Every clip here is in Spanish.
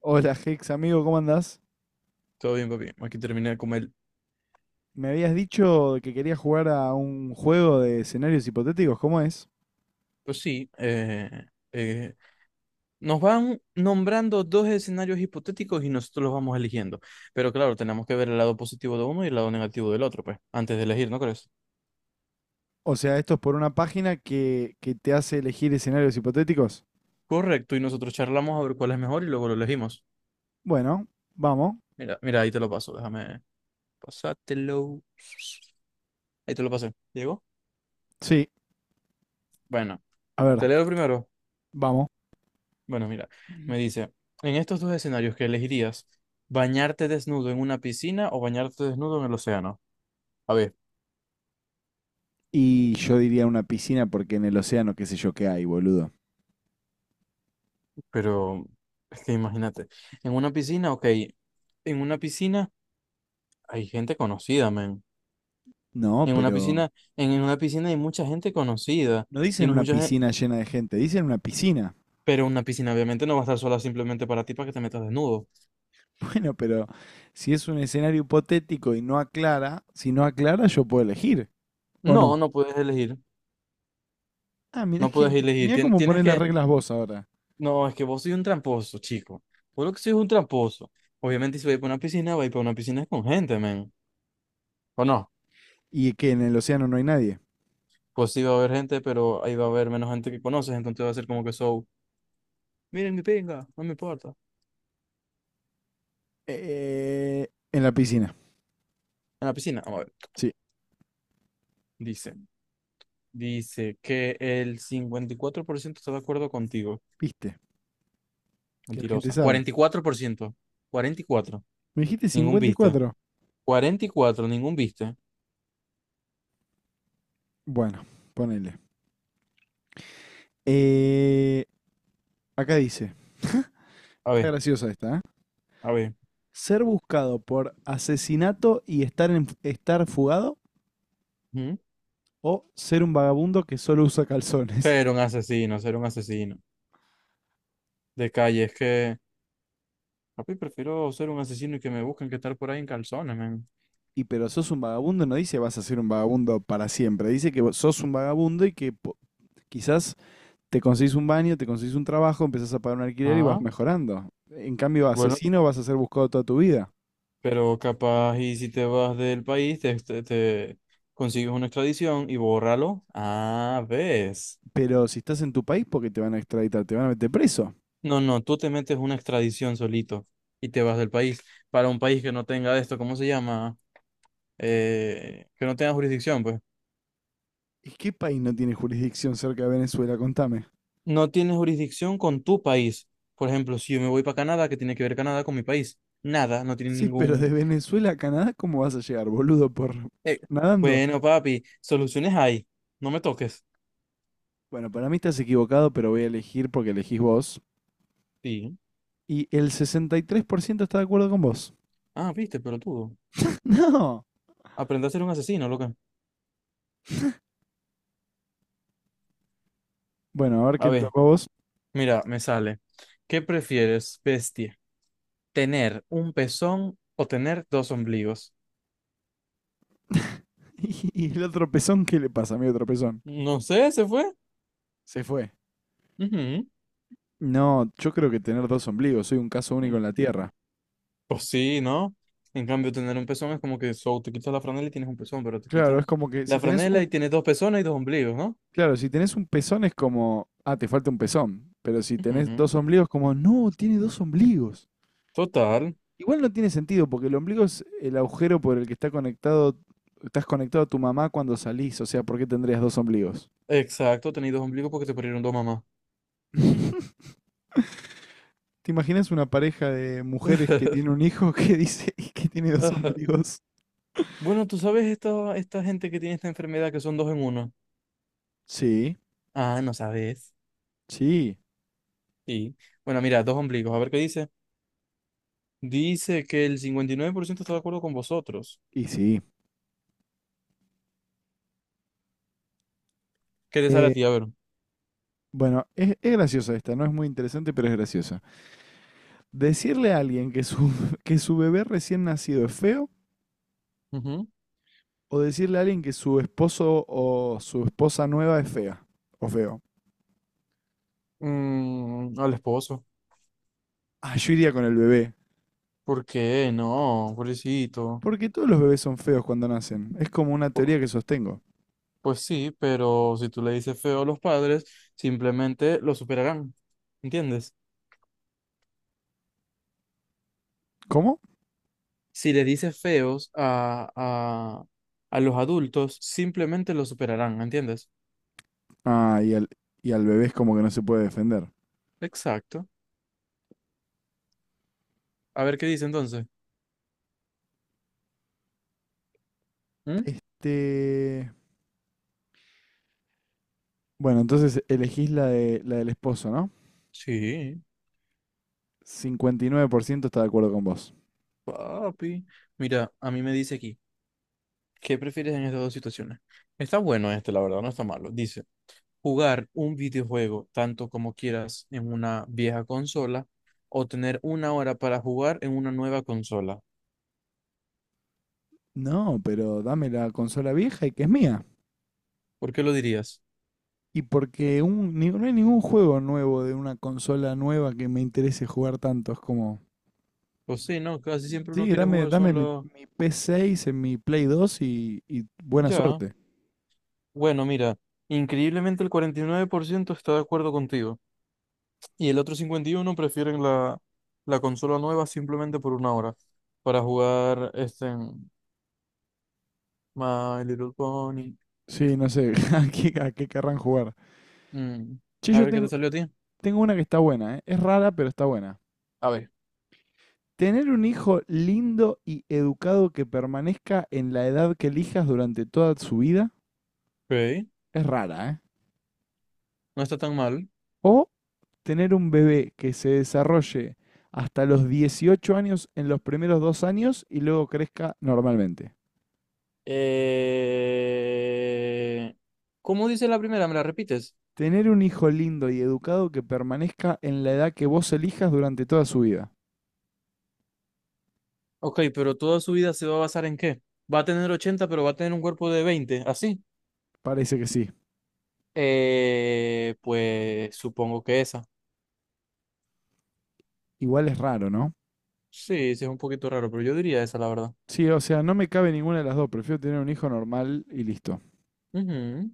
Hola Hex, amigo, ¿cómo andás? Todo bien, papi. Aquí terminé de comer. Me habías dicho que querías jugar a un juego de escenarios hipotéticos, ¿cómo es? Pues sí, eh, nos van nombrando dos escenarios hipotéticos y nosotros los vamos eligiendo. Pero claro, tenemos que ver el lado positivo de uno y el lado negativo del otro, pues, antes de elegir, ¿no crees? O sea, esto es por una página que te hace elegir escenarios hipotéticos. Correcto, y nosotros charlamos a ver cuál es mejor y luego lo elegimos. Bueno, vamos. Mira, mira, ahí te lo paso, déjame pasártelo. Ahí te lo pasé. ¿Llegó? Sí, Bueno, a te ver, leo primero. vamos. Bueno, mira, me dice, en estos dos escenarios, que elegirías, bañarte desnudo en una piscina o bañarte desnudo en el océano? A ver. Y yo diría una piscina porque en el océano qué sé yo qué hay, boludo. Pero es que imagínate, en una piscina, ok, en una piscina hay gente conocida, men. No, En una pero piscina, en una piscina, hay mucha gente conocida no y dicen una mucha gente, piscina llena de gente, dicen una piscina. pero una piscina obviamente no va a estar sola simplemente para ti para que te metas desnudo. Bueno, pero si es un escenario hipotético y no aclara, si no aclara yo puedo elegir, ¿o No, no? no puedes elegir, Ah, no puedes elegir. mirá Tien- cómo tienes pones las que, reglas vos ahora. no, es que vos sois un tramposo, chico. Vos lo que sois es un tramposo. Obviamente si vais para una piscina, vais para una piscina con gente, men. ¿O no? Y que en el océano no hay nadie. Pues sí va a haber gente, pero ahí va a haber menos gente que conoces, entonces va a ser como que show. Miren mi pinga, no me importa. Eh, en la piscina. En la piscina, vamos a ver. Sí, Dice, dice que el 54% está de acuerdo contigo. viste, que la gente Mentirosa. Sabe. 44%, cuarenta y cuatro. Me dijiste Ningún cincuenta y viste. cuatro. Cuarenta y cuatro, ningún viste. Bueno, ponele. Eh, acá dice, A está ver, graciosa esta, ¿eh? a ver. Ser buscado por asesinato y estar fugado ¿Mm? o ser un vagabundo que solo usa calzones. Ser un asesino, ser un asesino. De calle, es que, papi, prefiero ser un asesino y que me busquen que estar por ahí en calzones, man. Y pero sos un vagabundo, no dice vas a ser un vagabundo para siempre, dice que vos sos un vagabundo y que quizás te conseguís un baño, te conseguís un trabajo, empezás a pagar un alquiler y vas Ah, mejorando. En cambio, bueno, asesino vas a ser buscado toda tu vida. pero capaz y si te vas del país, te consigues una extradición y bórralo. Ah, ves. Pero si estás en tu país, porque te van a extraditar, te van a meter preso. No, no, tú te metes una extradición solito y te vas del país, para un país que no tenga esto, ¿cómo se llama? Que no tenga jurisdicción, pues. ¿Y qué país no tiene jurisdicción cerca de Venezuela? Contame. No tienes jurisdicción con tu país. Por ejemplo, si yo me voy para Canadá, ¿qué tiene que ver Canadá con mi país? Nada, no tiene Sí, pero de ningún... Venezuela a Canadá, ¿cómo vas a llegar, boludo? ¿Por eh, nadando? bueno, papi, soluciones hay, no me toques. Bueno, para mí estás equivocado, pero voy a elegir porque elegís vos. Sí. Y el 63% está de acuerdo con vos. Ah, viste, pero tú, No. aprende a ser un asesino, loca. Bueno, a ver A qué te ver, tocó a vos. mira, me sale. ¿Qué prefieres, bestia? ¿Tener un pezón o tener dos ombligos? ¿Y el otro pezón, qué le pasa a mi otro pezón? No sé, se fue. Se fue. Ujú. No, yo creo que tener dos ombligos, soy un caso único en la Tierra. Pues sí, ¿no? En cambio, tener un pezón es como que so, te quitas la franela y tienes un pezón, pero te Claro, quitas es como que la si tenés franela y un, tienes dos pezones y dos ombligos, ¿no? claro, si tenés un pezón es como, ah, te falta un pezón, pero si tenés Ujú. dos ombligos como, no, tiene dos ombligos. Total. Igual no tiene sentido porque el ombligo es el agujero por el que estás conectado a tu mamá cuando salís, o sea, ¿por qué tendrías dos ombligos? Exacto, tenéis dos ombligos porque te parieron dos mamás. ¿Te imaginas una pareja de mujeres que tiene un hijo que dice que tiene dos Ajá. ombligos? Bueno, tú sabes esta gente que tiene esta enfermedad que son dos en uno. Sí, Ah, no sabes. sí, Sí. Bueno, mira, dos ombligos. A ver qué dice. Dice que el 59% está de acuerdo con vosotros. y sí. ¿Qué te sale a ti? A Eh, ver. bueno, es graciosa esta, no es muy interesante, pero es graciosa. Decirle a alguien que su bebé recién nacido es feo Ujú. o decirle a alguien que su esposo o su esposa nueva es fea o feo. Mm, al esposo. Ah, yo iría con el bebé. ¿Por qué? No, pobrecito. Porque todos los bebés son feos cuando nacen. Es como una Po- teoría que sostengo. Pues sí, pero si tú le dices feo a los padres, simplemente lo superarán. ¿Entiendes? ¿Cómo? Si le dices feos a, los adultos, simplemente lo superarán. ¿Entiendes? Ah, y al, y al bebé es como que no se puede defender. Exacto. A ver qué dice entonces. ¿Mm? Este... Bueno, entonces elegís la del esposo, ¿no? Sí, 59% está de acuerdo con vos. papi. Mira, a mí me dice aquí, ¿qué prefieres en estas dos situaciones? Está bueno este, la verdad, no está malo. Dice, jugar un videojuego tanto como quieras en una vieja consola o tener una hora para jugar en una nueva consola. No, pero dame la consola vieja y que es mía. ¿Por qué lo dirías? Y porque no hay ningún juego nuevo de una consola nueva que me interese jugar tanto. Es como, Pues sí, no, casi siempre uno sí, quiere jugar dame son los... mi P6 en mi Play 2 y buena Ya. suerte. Bueno, mira, increíblemente el 49% está de acuerdo contigo y el otro 51% prefieren la, consola nueva simplemente por una hora para jugar este en My Little Pony. Sí, no sé, a qué querrán jugar. Mm. Che, A yo ver qué te tengo, salió a ti. tengo una que está buena, ¿eh? Es rara, pero está buena. A ver. Tener un hijo lindo y educado que permanezca en la edad que elijas durante toda su vida Ok, es rara, ¿eh? no está tan mal. O tener un bebé que se desarrolle hasta los 18 años en los primeros dos años y luego crezca normalmente. Eh, ¿Cómo dice la primera? ¿Me la repites? Tener un hijo lindo y educado que permanezca en la edad que vos elijas durante toda su vida. Ok, pero ¿toda su vida se va a basar en qué? ¿Va a tener 80 pero va a tener un cuerpo de 20 así? Parece que sí. Pues supongo que esa. Igual es raro, ¿no? Sí, sí es un poquito raro, pero yo diría esa, la verdad. Sí, o sea, no me cabe ninguna de las dos. Prefiero tener un hijo normal y listo. Ujú.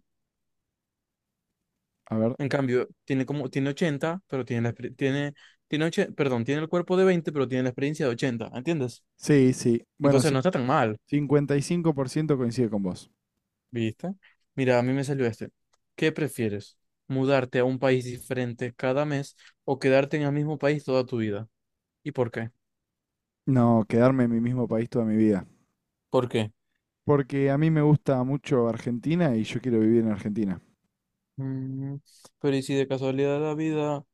A ver. En cambio, tiene como, tiene 80 pero tiene la, exper- tiene, tiene oche- perdón, tiene el cuerpo de 20 pero tiene la experiencia de ochenta, ¿entiendes? Sí, sí. Bueno, Entonces sí. no está tan mal. 55% coincide con vos. ¿Viste? Mira, a mí me salió este. ¿Qué prefieres? ¿Mudarte a un país diferente cada mes o quedarte en el mismo país toda tu vida? ¿Y por qué? No, quedarme en mi mismo país toda mi vida. ¿Por qué? Porque a mí me gusta mucho Argentina y yo quiero vivir en Argentina. Mm, pero ¿y si de casualidad de la vida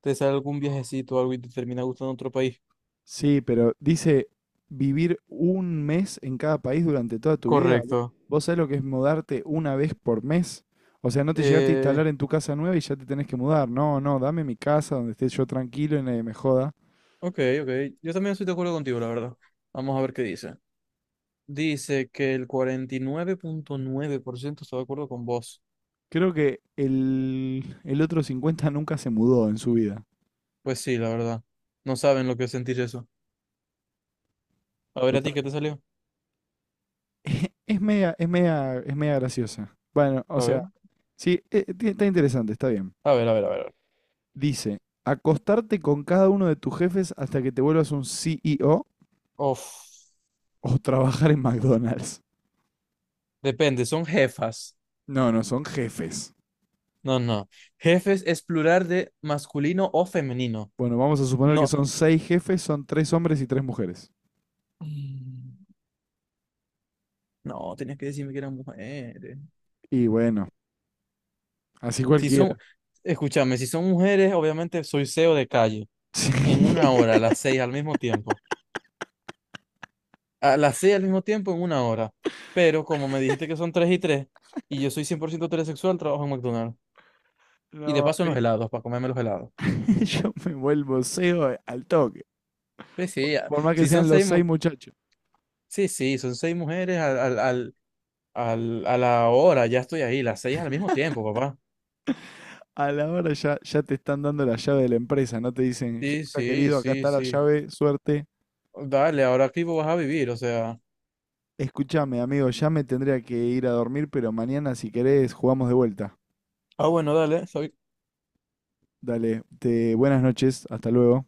te sale algún viajecito o algo y te termina gustando otro país? Sí, pero dice vivir un mes en cada país durante toda tu vida. Correcto. ¿Vos sabés lo que es mudarte una vez por mes? O sea, no te llegaste a Eh, instalar en tu casa nueva y ya te tenés que mudar. No, no, dame mi casa donde esté yo tranquilo y nadie me joda. ok, ok. Yo también estoy de acuerdo contigo, la verdad. Vamos a ver qué dice. Dice que el 49,9% está de acuerdo con vos. Creo que el otro 50 nunca se mudó en su vida. Pues sí, la verdad. No saben lo que es sentir eso. A ver, ¿a ti Total. qué te salió? Es media graciosa. Bueno, o A sea, ver, sí, está interesante, está bien. a ver, a ver, a ver. Dice, acostarte con cada uno de tus jefes hasta que te vuelvas un CEO Uf, o trabajar en McDonald's. depende, son jefas. No, no, son jefes. No, no. Jefes es plural de masculino o femenino. Bueno, vamos a suponer que No. son seis jefes, son tres hombres y tres mujeres. Mm, no, tenías que decirme que eran mujeres. Y bueno, así Si son, cualquiera. escúchame, si son mujeres, obviamente soy CEO de calle. Sí. En una hora, a las seis al mismo tiempo. A las seis al mismo tiempo, en una hora. Pero como me dijiste que son tres y tres, y yo soy 100% heterosexual, trabajo en McDonald's. Y de No, a paso en los mí- helados, para comerme los helados. yo me vuelvo CEO al toque. Sí, sí, ya. Por más que Si son sean los seis, seis muchachos. sí, sí, son seis mujeres al, al, al, a la hora, ya estoy ahí, las seis al mismo tiempo, papá. A la hora ya, ya te están dando la llave de la empresa, no te dicen, Sí, Hexa sí, querido, acá sí, está la sí. llave, suerte. Dale, ahora aquí vos vas a vivir, o sea. Escúchame, amigo, ya me tendría que ir a dormir, pero mañana si querés jugamos de vuelta. Ah, bueno, dale, está bien. Dale, te, buenas noches, hasta luego.